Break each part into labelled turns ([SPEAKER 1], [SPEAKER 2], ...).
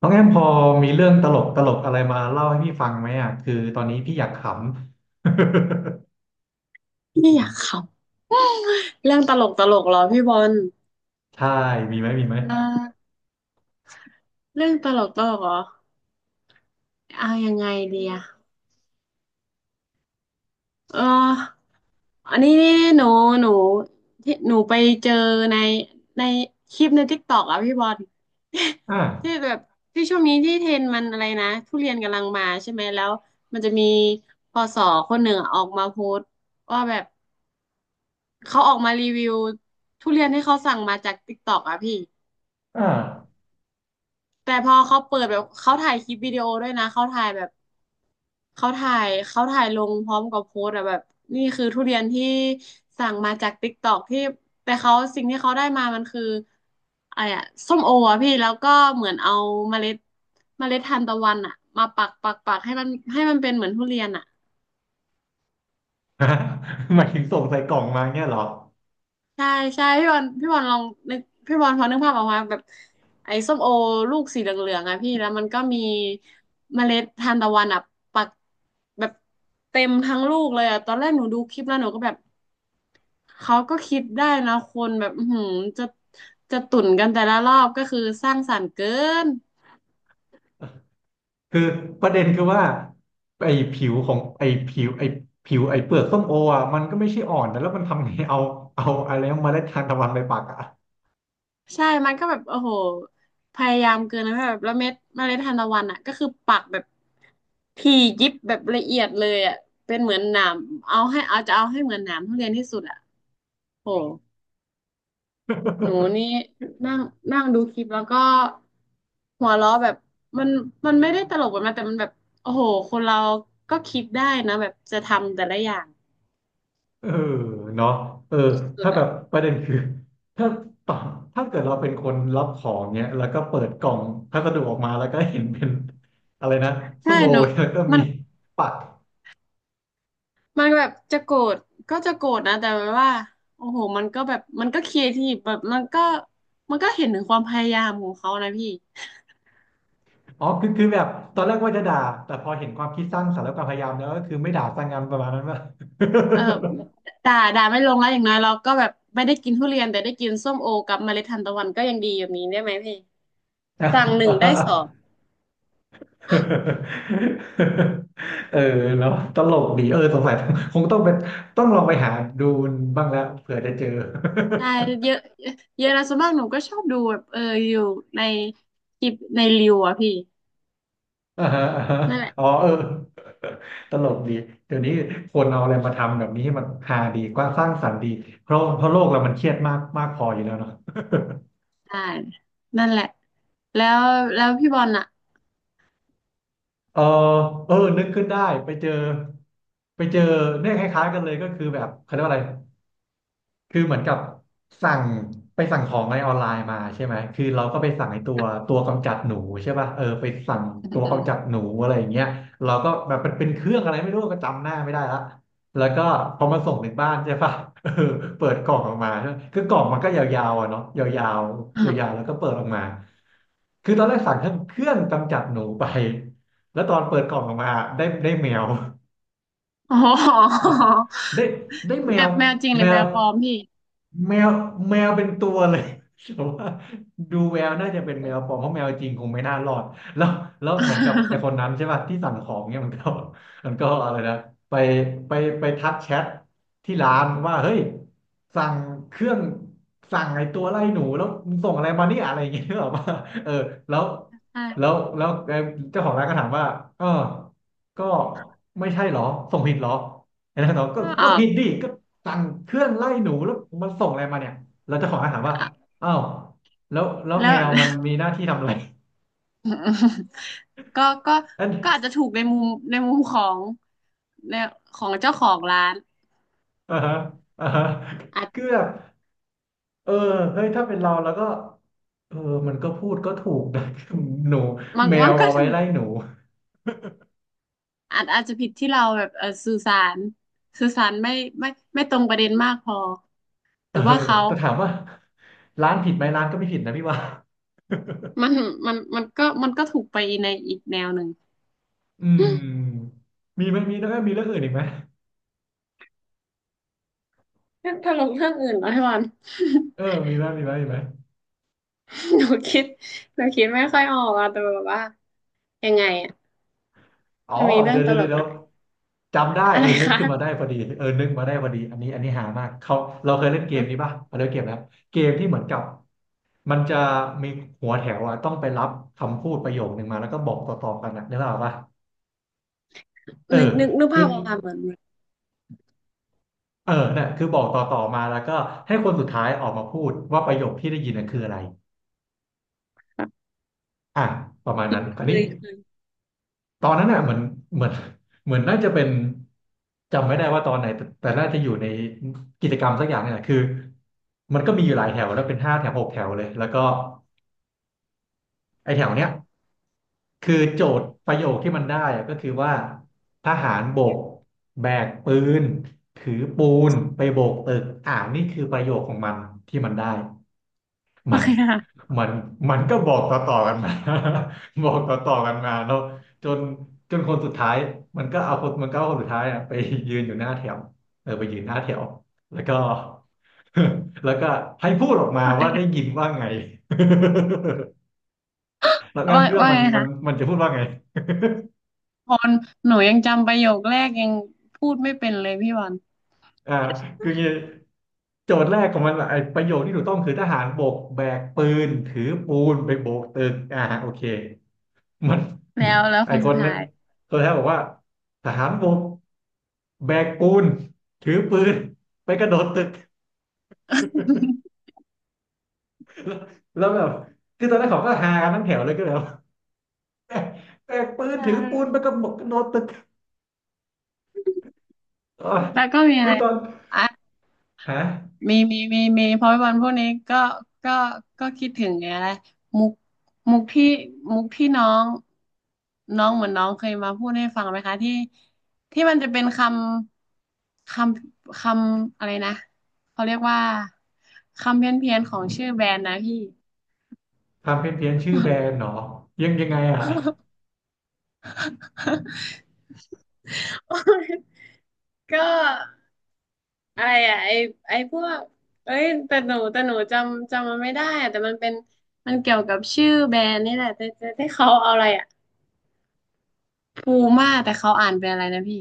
[SPEAKER 1] น้องแอมพอมีเรื่องตลกอะไรมาเล่าให้พี่ฟังไหมอ่ะคือตอนนี้พี่อยากขำ
[SPEAKER 2] พี่อยากขำเรื่องตลกตลกเหรอพี่บอล
[SPEAKER 1] ใช่มีไหมมีไหม
[SPEAKER 2] เออเรื่องตลกตลกเหรอเอายังไงดีอะเอออันนี้นี่หนูหนูที่หนูไปเจอในในคลิปในทิกตอกอะพี่บอล ที่
[SPEAKER 1] อ่า
[SPEAKER 2] แบบที่ช่วงนี้ที่เทรนด์มันอะไรนะทุเรียนกำลังมาใช่ไหมแล้วมันจะมีพสคนหนึ่งออกมาโพสต์ว่าแบบเขาออกมารีวิวทุเรียนที่เขาสั่งมาจากทิกตอกอะพี่
[SPEAKER 1] อ่า
[SPEAKER 2] แต่พอเขาเปิดแบบเขาถ่ายคลิปวิดีโอด้วยนะเขาถ่ายแบบเขาถ่ายลงพร้อมกับโพสต์อะแบบนี่คือทุเรียนที่สั่งมาจากติ๊กตอกที่แต่เขาสิ่งที่เขาได้มามันคืออะไรอะส้มโออะพี่แล้วก็เหมือนเอาเมล็ดเมล็ดทานตะวันอะมาปักปักปักให้มันเป็นเหมือนทุเรียนอะ
[SPEAKER 1] หมายถึงส่งใส่กล่องมาเนี่ยเหรอ
[SPEAKER 2] ใช่ใช่พี่บอลลองนึกพี่บอลพอนึกภาพออกมาแบบไอ้ส้มโอลูกสีเหลืองๆอะพี่แล้วมันก็มีเมล็ดทานตะวันอะปักแบบเต็มทั้งลูกเลยอะตอนแรกหนูดูคลิปแล้วหนูก็แบบเขาก็คิดได้นะคนแบบอื้อหือจะจะตุ่นกันแต่ละรอบก็คือสร้างสรรค์เกิน
[SPEAKER 1] คือประเด็นคือว่าไอ้ผิวของไอ้ผิวไอ้ผิวไอ้เปลือกส้มโออ่ะมันก็ไม่ใช่อ่อนนะแล้วมันทำไงเอาอะไรนะเมล็ดทานตะวันไปปักอ่ะ
[SPEAKER 2] ใช่ มันก็แบบโอ้โหพยายามเกินนะแบบแล้วเมล็ดทานตะวันอ่ะก็คือปักแบบถี่ยิบแบบละเอียดเลยอ่ะเป็นเหมือนหนามเอาให้เอาจะเอาให้เหมือนหนามทุเรียนที่สุดอ่ะโหหนูนี่ นั่งนั่งดูคลิปแล้วก็หัวเราะแบบมันมันไม่ได้ตลกแบบนั้นแต่มันแบบโอ้โห คนเราก็คิดได้นะแบบจะทำแต่ละอย่าง
[SPEAKER 1] เออเนาะเออ
[SPEAKER 2] สุด
[SPEAKER 1] ถ้า
[SPEAKER 2] ๆ
[SPEAKER 1] แบ
[SPEAKER 2] อ่ะ
[SPEAKER 1] บประเด็นคือ ถ้าต่อถ้าเกิดเราเป็นคนรับของเนี้ยแล้วก็เปิดกล่องพัสดุออกมาแล้วก็เห็นเป็น อะไรนะส้
[SPEAKER 2] ใช่
[SPEAKER 1] มโอ
[SPEAKER 2] หนู
[SPEAKER 1] แล้วก็
[SPEAKER 2] มั
[SPEAKER 1] มี
[SPEAKER 2] น
[SPEAKER 1] ปัก
[SPEAKER 2] มันแบบจะโกรธก็จะโกรธนะแต่แบบว่าโอ้โหมันก็ครีเอทีฟแบบมันก็เห็นถึงความพยายามของเขานะพี่
[SPEAKER 1] อ๋อคือแบบตอนแรกว่าจะด่าแต่พอเห็นความคิดสร้างสรรค์และความพยายามแล้วก็คือไม่ด่าสร้างงานประมาณนั้นว่า
[SPEAKER 2] เออด่าไม่ลงแล้วอย่างน้อยเราก็แบบไม่ได้กินทุเรียนแต่ได้กินส้มโอกับเมล็ดทานตะวันก็ยังดีแบบนี้ได้ไหมพี่สั่งหนึ่งได้สอง
[SPEAKER 1] เออเนาะตลกดีเออสงสัยคงต้องเป็นต้องลองไปหาดูบ้างแล้วเผื่อจะเจอ
[SPEAKER 2] ใช่เยอะเยอะนะส่วนมากหนูก็ชอบดูแบบเอออยู่ในคลิปในรีวอะพี่
[SPEAKER 1] อ่าฮะอ่าฮะ
[SPEAKER 2] นั่นแหละ
[SPEAKER 1] อ๋อเออ ตลกดี เดี๋ยวนี้คนเอาอะไรมาทำแบบนี้ให้มันฮาดีกว่างสร้างสรรค์ดีเพราะโลกเรามันเครียดมากมากพออยู่แล้วเนาะ
[SPEAKER 2] ใช่นั่นแหละแล้วแล้วพี่บอลอะ
[SPEAKER 1] เออเออนึกขึ้นได้ไปเจอไปเจอเนี่ยคล้ายๆกันเลยก็คือแบบเขาเรียกว่าอะไร คือเหมือนกับสั่งไปสั่งของอะไรออนไลน์มาใช่ไหมคือเราก็ไปสั่งไอ้ตัวกำจัดหนูใช่ป่ะเออไปสั่งตัวกำจัดหนูอะไรอย่างเงี้ยเราก็แบบเป็นเครื่องอะไรไม่รู้ก็จำหน้าไม่ได้ละแล้วก็พอมาส่งถึงบ้านใช่ป่ะ เออเปิดกล่องออกมาใช่ปะคือกล่องมันก็ยาวๆอ่ะเนาะยาวๆ ยาวๆ
[SPEAKER 2] อ
[SPEAKER 1] แล้วก็เปิดออกมาคือตอนแรกสั่งเครื่องกำจัดหนูไปแล้วตอนเปิดกล่องออกมาได้แมว
[SPEAKER 2] อ๋อ
[SPEAKER 1] ได้ได้แม
[SPEAKER 2] แม
[SPEAKER 1] ว
[SPEAKER 2] วแมวจริงห
[SPEAKER 1] แม
[SPEAKER 2] รือแม
[SPEAKER 1] ว
[SPEAKER 2] วปลอมพี่
[SPEAKER 1] แมวแมวเป็นตัวเลย แต่ว่าดูแววน่าจะเป็น
[SPEAKER 2] อื
[SPEAKER 1] แมวปลอ
[SPEAKER 2] ม
[SPEAKER 1] มเพราะแมวจริงคงไม่น่ารอดแล้วแล้วเหมือนกับไอ้ค นนั้นใช่ป่ะที่สั่งของเนี่ยมันก็มันก็อะไรนะไปไปไปทักแชทที่ร้านว่าเฮ้ยสั่งเครื่องสั่งไอ้ตัวไล่หนูแล้วมึงส่งอะไรมาเนี่ยอะไรอย่างเงี้ยหรอป่ะเออแล้ว
[SPEAKER 2] ใช่
[SPEAKER 1] แล้วแล้วไอ้เจ้าของร้านก็ถามว่าเออก็ไม่ใช่เหรอส่งผิดเหรอ ไอ้นั่นบอก ก็
[SPEAKER 2] ก็อ
[SPEAKER 1] ก็
[SPEAKER 2] อก
[SPEAKER 1] ผิดดิก็สั่งเครื่องไล่หนูแล้วมาส่งอะไรมาเนี่ยเราเจ้าของร้านถามว่าอ้าวแล้ว
[SPEAKER 2] แล้
[SPEAKER 1] แม
[SPEAKER 2] ว
[SPEAKER 1] วมันมีหน้าที่ทำอะไร
[SPEAKER 2] ก็ก็
[SPEAKER 1] อัน
[SPEAKER 2] ก็อาจจะถูกในมุมในมุมในของเจ้าของร้าน
[SPEAKER 1] อ่าฮะอ่าฮะ
[SPEAKER 2] อาจ
[SPEAKER 1] คือแบบเออเฮ้ยถ้าเป็นเราแล้วก็เออมันก็พูดก็ถูกนะ หนู
[SPEAKER 2] มัน
[SPEAKER 1] แม
[SPEAKER 2] มั
[SPEAKER 1] ว
[SPEAKER 2] นก็
[SPEAKER 1] เอาไว้
[SPEAKER 2] ถูก
[SPEAKER 1] ไล่หนู
[SPEAKER 2] อาจจะผิดที่เราแบบเออสื่อสารสื่อสารไม่ไม่ตรงประเด็นมากพอห
[SPEAKER 1] เอ
[SPEAKER 2] รื
[SPEAKER 1] อ
[SPEAKER 2] อว่าเขา
[SPEAKER 1] แต่ถามว่าร้านผิดไหมร้านก็ไม่ผิดนะพี่ว่า
[SPEAKER 2] มันมันก็ถูกไปในอีกแนวหนึ่ง
[SPEAKER 1] อืมมีไหมมีแล้วก็มีเรื่องอื่นอีกไหม
[SPEAKER 2] ถ้าลงเรื่องอื่นนะพี่บอล
[SPEAKER 1] เออมีไหมมีไหมมีไหม
[SPEAKER 2] หนูคิดหนูคิดไม่ค่อยออกอะแต่แบบว่ายังไงอะ
[SPEAKER 1] อ๋อ
[SPEAKER 2] มันมีเรื่อ
[SPEAKER 1] เดี๋
[SPEAKER 2] ง
[SPEAKER 1] ยว
[SPEAKER 2] ต
[SPEAKER 1] เดี๋ยว
[SPEAKER 2] ลก
[SPEAKER 1] เดี๋ย
[SPEAKER 2] อะ
[SPEAKER 1] ว
[SPEAKER 2] ไร
[SPEAKER 1] จำได้
[SPEAKER 2] อะ
[SPEAKER 1] เอ
[SPEAKER 2] ไร
[SPEAKER 1] อนึก
[SPEAKER 2] คะ
[SPEAKER 1] ขึ้นมาได้พอดีเออนึกมาได้พอดีอันนี้หามากเขาเราเคยเล่นเกมนี้ป่ะเราเล่นเกมแล้วเกมที่เหมือนกับมันจะมีหัวแถวอ่ะต้องไปรับคำพูดประโยคหนึ่งมาแล้วก็บอกต่อๆกันนะนึกออกป่ะเอ
[SPEAKER 2] นึก
[SPEAKER 1] อ
[SPEAKER 2] นึกนึก
[SPEAKER 1] คื
[SPEAKER 2] ภา
[SPEAKER 1] อ
[SPEAKER 2] พออกค่ะเหมือน
[SPEAKER 1] เออเนี่ยคือบอกต่อๆมาแล้วก็ให้คนสุดท้ายออกมาพูดว่าประโยคที่ได้ยินน่ะคืออะไร
[SPEAKER 2] ค่ะ
[SPEAKER 1] อ่ะประมาณ
[SPEAKER 2] เค
[SPEAKER 1] นั้น
[SPEAKER 2] ย
[SPEAKER 1] คราว
[SPEAKER 2] เค
[SPEAKER 1] นี้
[SPEAKER 2] ยเคย
[SPEAKER 1] ตอนนั้นน่ะเหมือนเหมือนน่าจะเป็นจำไม่ได้ว่าตอนไหนแต่แต่น่าจะอยู่ในกิจกรรมสักอย่างเนี่ยแหละคือมันก็มีอยู่หลายแถวแล้วเป็นห้าแถวหกแถวเลยแล้วก็ไอ้แถวเนี้ยคือโจทย์ประโยคที่มันได้อะก็คือว่าทหารบกแบกปืนถือปูนไปโบกตึกอ่านี่คือประโยคของมันที่มันได้
[SPEAKER 2] โอ
[SPEAKER 1] มัน
[SPEAKER 2] เคค่ะ
[SPEAKER 1] มันมันก็บอกต่อกันมา บอกต่อกันมาแล้วจนจนคนสุดท้าย มันก็เอาคนมันก็เอาคนสุดท้ายอะไปยืนอยู่หน้าแถวเออไปยืนหน้าแถวแล้วก็ แล้วก็ให้พูดออกมา
[SPEAKER 2] โอเค
[SPEAKER 1] ว่าได้ยิน
[SPEAKER 2] ค่ะ
[SPEAKER 1] ว่าไง แล้วงั้น
[SPEAKER 2] ว่า
[SPEAKER 1] คิดว่า
[SPEAKER 2] ว่า
[SPEAKER 1] มัน
[SPEAKER 2] ไง
[SPEAKER 1] มัน
[SPEAKER 2] คะ
[SPEAKER 1] มันจะพูดว่าไง
[SPEAKER 2] ตอนหนูยังจำประโยคแรกยังพูดไม่เป็นเลยพี่วัน
[SPEAKER 1] อ่าคืองี้โจทย์แรกของมันอะไอ้ประโยคที่ถูกต้องคือทหารบกแบกปืนถือปูนไปโบกตึกอ่าโอเค มัน
[SPEAKER 2] แล้ว
[SPEAKER 1] ไอ
[SPEAKER 2] คน
[SPEAKER 1] ค
[SPEAKER 2] สุด
[SPEAKER 1] นนั้
[SPEAKER 2] ท้า
[SPEAKER 1] น
[SPEAKER 2] ย
[SPEAKER 1] ตัวแทนบอกว่าทหารบกแบกปูนถือปืนไปกระโดดตึก แล้วแบบคือตอนนั้นเขาก็ฮากันทั้งแถวเลยก็เลยแบบแบก แบกปืน
[SPEAKER 2] ใช
[SPEAKER 1] ถือปูนไปก
[SPEAKER 2] ่
[SPEAKER 1] ระโดดกระโดดตึกอ๋อ
[SPEAKER 2] แล้วก็มีอะ
[SPEAKER 1] คือ
[SPEAKER 2] ไร
[SPEAKER 1] ตอนฮะ
[SPEAKER 2] มีเพราะวันพวกนี้ก็ก็ก็คิดถึงไงอะไรมุกมุกที่มุกที่น้องน้องเหมือนน้องเคยมาพูดให้ฟังไหมคะที่ที่มันจะเป็นคำำคอะไรนะเขาเรียกว่าคำเพี้ยนเพียนของชื่อแบรนด์นะพี่
[SPEAKER 1] ทำเพี้ยนเพียชื่อแบรนด์เหรอยังไงอ่ะ
[SPEAKER 2] ก็อะไรอะไอพวกเอ้ยแต่หนูจำมันไม่ได้อะแต่มันเป็นมันเกี่ยวกับชื่อแบรนด์นี่แหละแต่แต่ที่เขาเอาอะไรอ่ะ ปูม่าแต่เขาอ่านเป็นอะไรนะพี่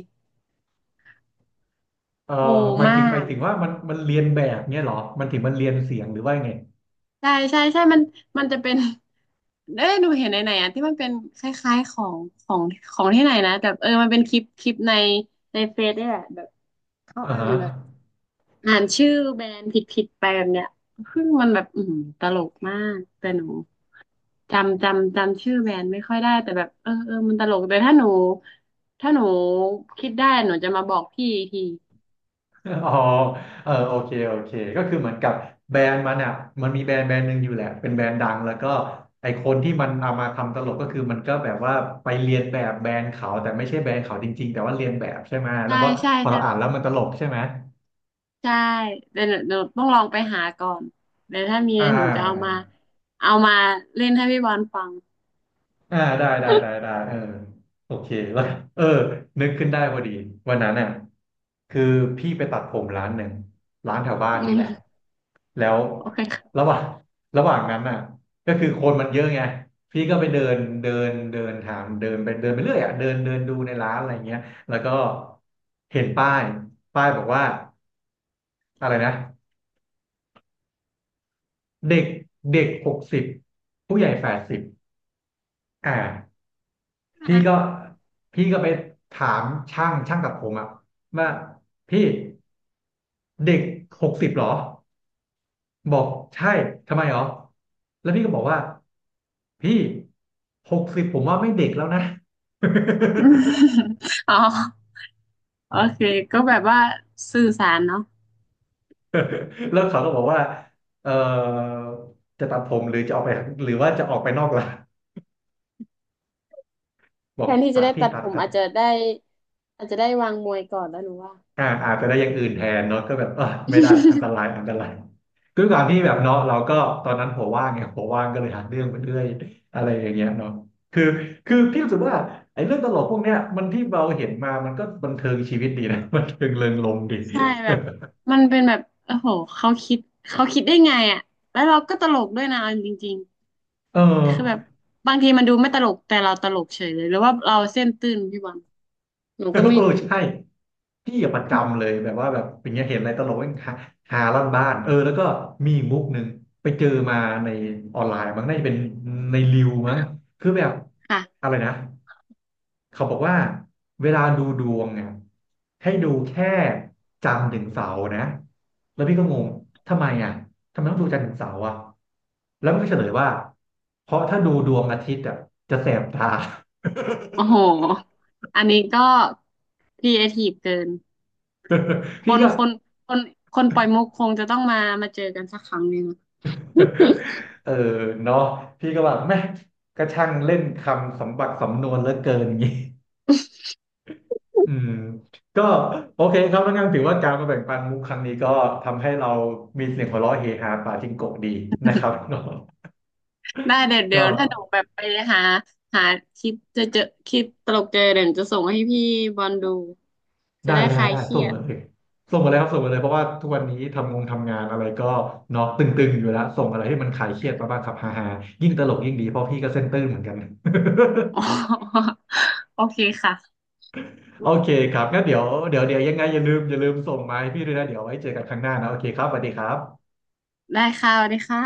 [SPEAKER 1] เออ
[SPEAKER 2] ปู
[SPEAKER 1] หมาย
[SPEAKER 2] ม่า
[SPEAKER 1] ถึงหมายถึงว่ามันมันเรียนแบบเนี้ยเหรอมันถึงมันเรียนเสียงหรือว่ายังไง
[SPEAKER 2] ใช่ใช่มันมันจะเป็น เอ้ยหนูเห็นไหนไหนอ่ะที่มันเป็นคล้ายๆของของของที่ไหนนะแต่เออมันเป็นคลิปในเฟซเนี่ยแหละแบบเขา
[SPEAKER 1] อ่า
[SPEAKER 2] อ่าน
[SPEAKER 1] ฮะ
[SPEAKER 2] แบบอ่านชื่อแบรนด์ผิดๆไปแบบเนี้ยซึ่งมันแบบอืมตลกมากแต่หนูจำชื่อแบรนด์ไม่ค่อยได้แต่แบบเออเออมันตลกแต่ถ้าหนูถ้าหนูคิดได้หนูจะมาบอกพี่อีกที
[SPEAKER 1] อ๋อเออโอเคโอเคก็คือเหมือนกับแบรนด์มันอ่ะมันมีแบรนด์แบรนด์หนึ่งอยู่แหละเป็นแบรนด์ดังแล้วก็ไอคนที่มันเอามาทำตลกก็คือมันก็แบบว่าไปเรียนแบบแบรนด์เขาแต่ไม่ใช่แบรนด์เขาจริงๆแต่ว่าเรียนแบบใช่ไหมแล้
[SPEAKER 2] ใช่
[SPEAKER 1] วก็
[SPEAKER 2] ใช่
[SPEAKER 1] พอ
[SPEAKER 2] ใช่
[SPEAKER 1] เราอ่านแล้วมันตลกใช่ไหม
[SPEAKER 2] ใช่เดี๋ยวหนูต้องลองไปหาก่อนเดี๋ยวถ้ามี
[SPEAKER 1] อ่า
[SPEAKER 2] เดี๋ยวหนูจะเอามาเอามาเล่นให้พี่บอลฟัง
[SPEAKER 1] อ่าได้ได้ได้ได้เออโอเคแล้วเออนึกขึ้นได้พอดีวันนั้นน่ะคือพี่ไปตัดผมร้านหนึ่งร้านแถวบ้าน
[SPEAKER 2] อื
[SPEAKER 1] นี่แหละ
[SPEAKER 2] ม
[SPEAKER 1] แล้ว
[SPEAKER 2] โอเค
[SPEAKER 1] ระหว่างระหว่างนั้นน่ะก็คือคนมันเยอะไงพี่ก็ไปเดินเดินเดินถามเดินไปเดินไปเรื่อยอ่ะเดินเดินดูในร้านอะไรเงี้ยแล้วก็เห็นป้ายบอกว่าอะไรนะเด็กเด็กหกสิบผู้ใหญ่80อ่า พี่ก็
[SPEAKER 2] ค่ะ
[SPEAKER 1] ไปถามช่างตัดผมอะว่าพี่เด็กหกสิบหรอบอกใช่ทำไมหรอแล้วพี่ก็บอกว่าพี่หกสิบผมว่าไม่เด็กแล้วนะ
[SPEAKER 2] อะอ๋อโอเคก็แบบว่าสื่อสารเนาะ
[SPEAKER 1] แล้วเขาก็บอกว่าเออจะตัดผมหรือจะออกไปหรือว่าจะออกไปนอกล่ะบอ
[SPEAKER 2] แท
[SPEAKER 1] ก
[SPEAKER 2] นที่
[SPEAKER 1] ตั
[SPEAKER 2] จะ
[SPEAKER 1] ด
[SPEAKER 2] ได้
[SPEAKER 1] พี่
[SPEAKER 2] ตัด
[SPEAKER 1] ตั
[SPEAKER 2] ผ
[SPEAKER 1] ด
[SPEAKER 2] ม
[SPEAKER 1] ตัด
[SPEAKER 2] อาจจะได้อาจจะได้วางมวยก่อนแล้วหนูว่า
[SPEAKER 1] อ่าอาจจะได้อย่างอื่นแทนเนาะก็แบบเออไม่ได้อันตรายอันตรายด้วยความที่แบบเนาะเราก็ตอนนั้นหัวว่างไงหัวว่างก็เลยหาเรื่องไปเรื่อยอะไรอย่างเงี้ยเนาะคือพี่รู้สึกว่าไอ้เรื่องตลกพวกเนี้ยมันที่เราเห็นมามันก็บันเทิงชีวิตดีนะ บันเทิงเริงรมย์ดี
[SPEAKER 2] ใช่แบบมันเป็นแบบโอ้โหเขาคิดเขาคิดได้ไงอ่ะแล้วเราก็ตลกด้วยนะเอาจริง
[SPEAKER 1] เออ
[SPEAKER 2] ๆคือแบบบางทีมันดูไม่ตลกแต่เราตลกเฉยเลยหรือว่าเราเส้นตื้นพี่บอลหนู
[SPEAKER 1] เออ
[SPEAKER 2] ก็ไม่
[SPEAKER 1] เออ
[SPEAKER 2] รู้
[SPEAKER 1] ใช่พี่อะประจำเลยแบบว่าแบบอย่างเงี้ยเห็นอะไรตลกเองหาลั่นบ้านเออแล้วก็มีอีกมุกหนึ่งไปเจอมาในออนไลน์มั้งน่าจะเป็นในรีวมั้งคือแบบ
[SPEAKER 2] ค่ะ
[SPEAKER 1] อะไรนะเขาบอกว่าเวลาดูดวงเนี่ยให้ดูแค่จันทร์ถึงเสาร์นะแล้วพี่ก็งงทำไมอ่ะทำไมต้องดูจันทร์ถึงเสาร์อ่ะแล้วมันก็เฉลยว่าเพราะถ้าดูดวงอาทิตย์อ่ะจะแสบตา
[SPEAKER 2] โอ้โห อันนี้ก็ครีเอทีฟเกิน ค
[SPEAKER 1] พี่
[SPEAKER 2] น
[SPEAKER 1] ก็
[SPEAKER 2] คนคนคนปล่อยมุกคงจะต้องมามาเจอกันสักครั้งหนึ่ง
[SPEAKER 1] เออเนาะพี่ก็แบบแม่งก็ช่างเล่นคำสมบัติสำนวนเหลือเกินงี้อืมก็โอเคครับแล้วงั้นถือว่าการมาแบ่งปันมุกครั้งนี้ก็ทำให้เรามีเสียงหัวเราะเฮฮาปาจิงโกะดีนะครับ
[SPEAKER 2] ได้เดี๋ยวเดี๋ย
[SPEAKER 1] ก็
[SPEAKER 2] วถ้าหนูแบบไปหาหาคลิปเจะเจอคลิปตลกเจอเดี๋ยวหนูจะส่งให้พี่บอลดู จะ
[SPEAKER 1] ได้
[SPEAKER 2] ได้ค
[SPEAKER 1] ได้
[SPEAKER 2] ลาย
[SPEAKER 1] ได้
[SPEAKER 2] เครี
[SPEAKER 1] ส่ง
[SPEAKER 2] ยด
[SPEAKER 1] มาเลย ส่งมาเลยครับส่งมาเลยเพราะว่าทุกวันนี้ทำงงทำงานอะไรก็เนาะตึงๆอยู่แล้วส่งอะไรให้มันคลายเครียดมาบ้างครับฮ่าๆยิ่งตลกยิ่งดีเพราะพี่ก็เส้นตื้นเหมือนกัน
[SPEAKER 2] อ๋อโอเคค่ะ
[SPEAKER 1] โอเคครับงั้นเดี๋ยวยังไงอย่าลืมส่งมาให้พี่ด้วยนะเดี๋ยวไว้เจอกันครั้งหน้านะโอเคครับสวัสดีครับ
[SPEAKER 2] ได้ค่ะสวัสดีค่ะ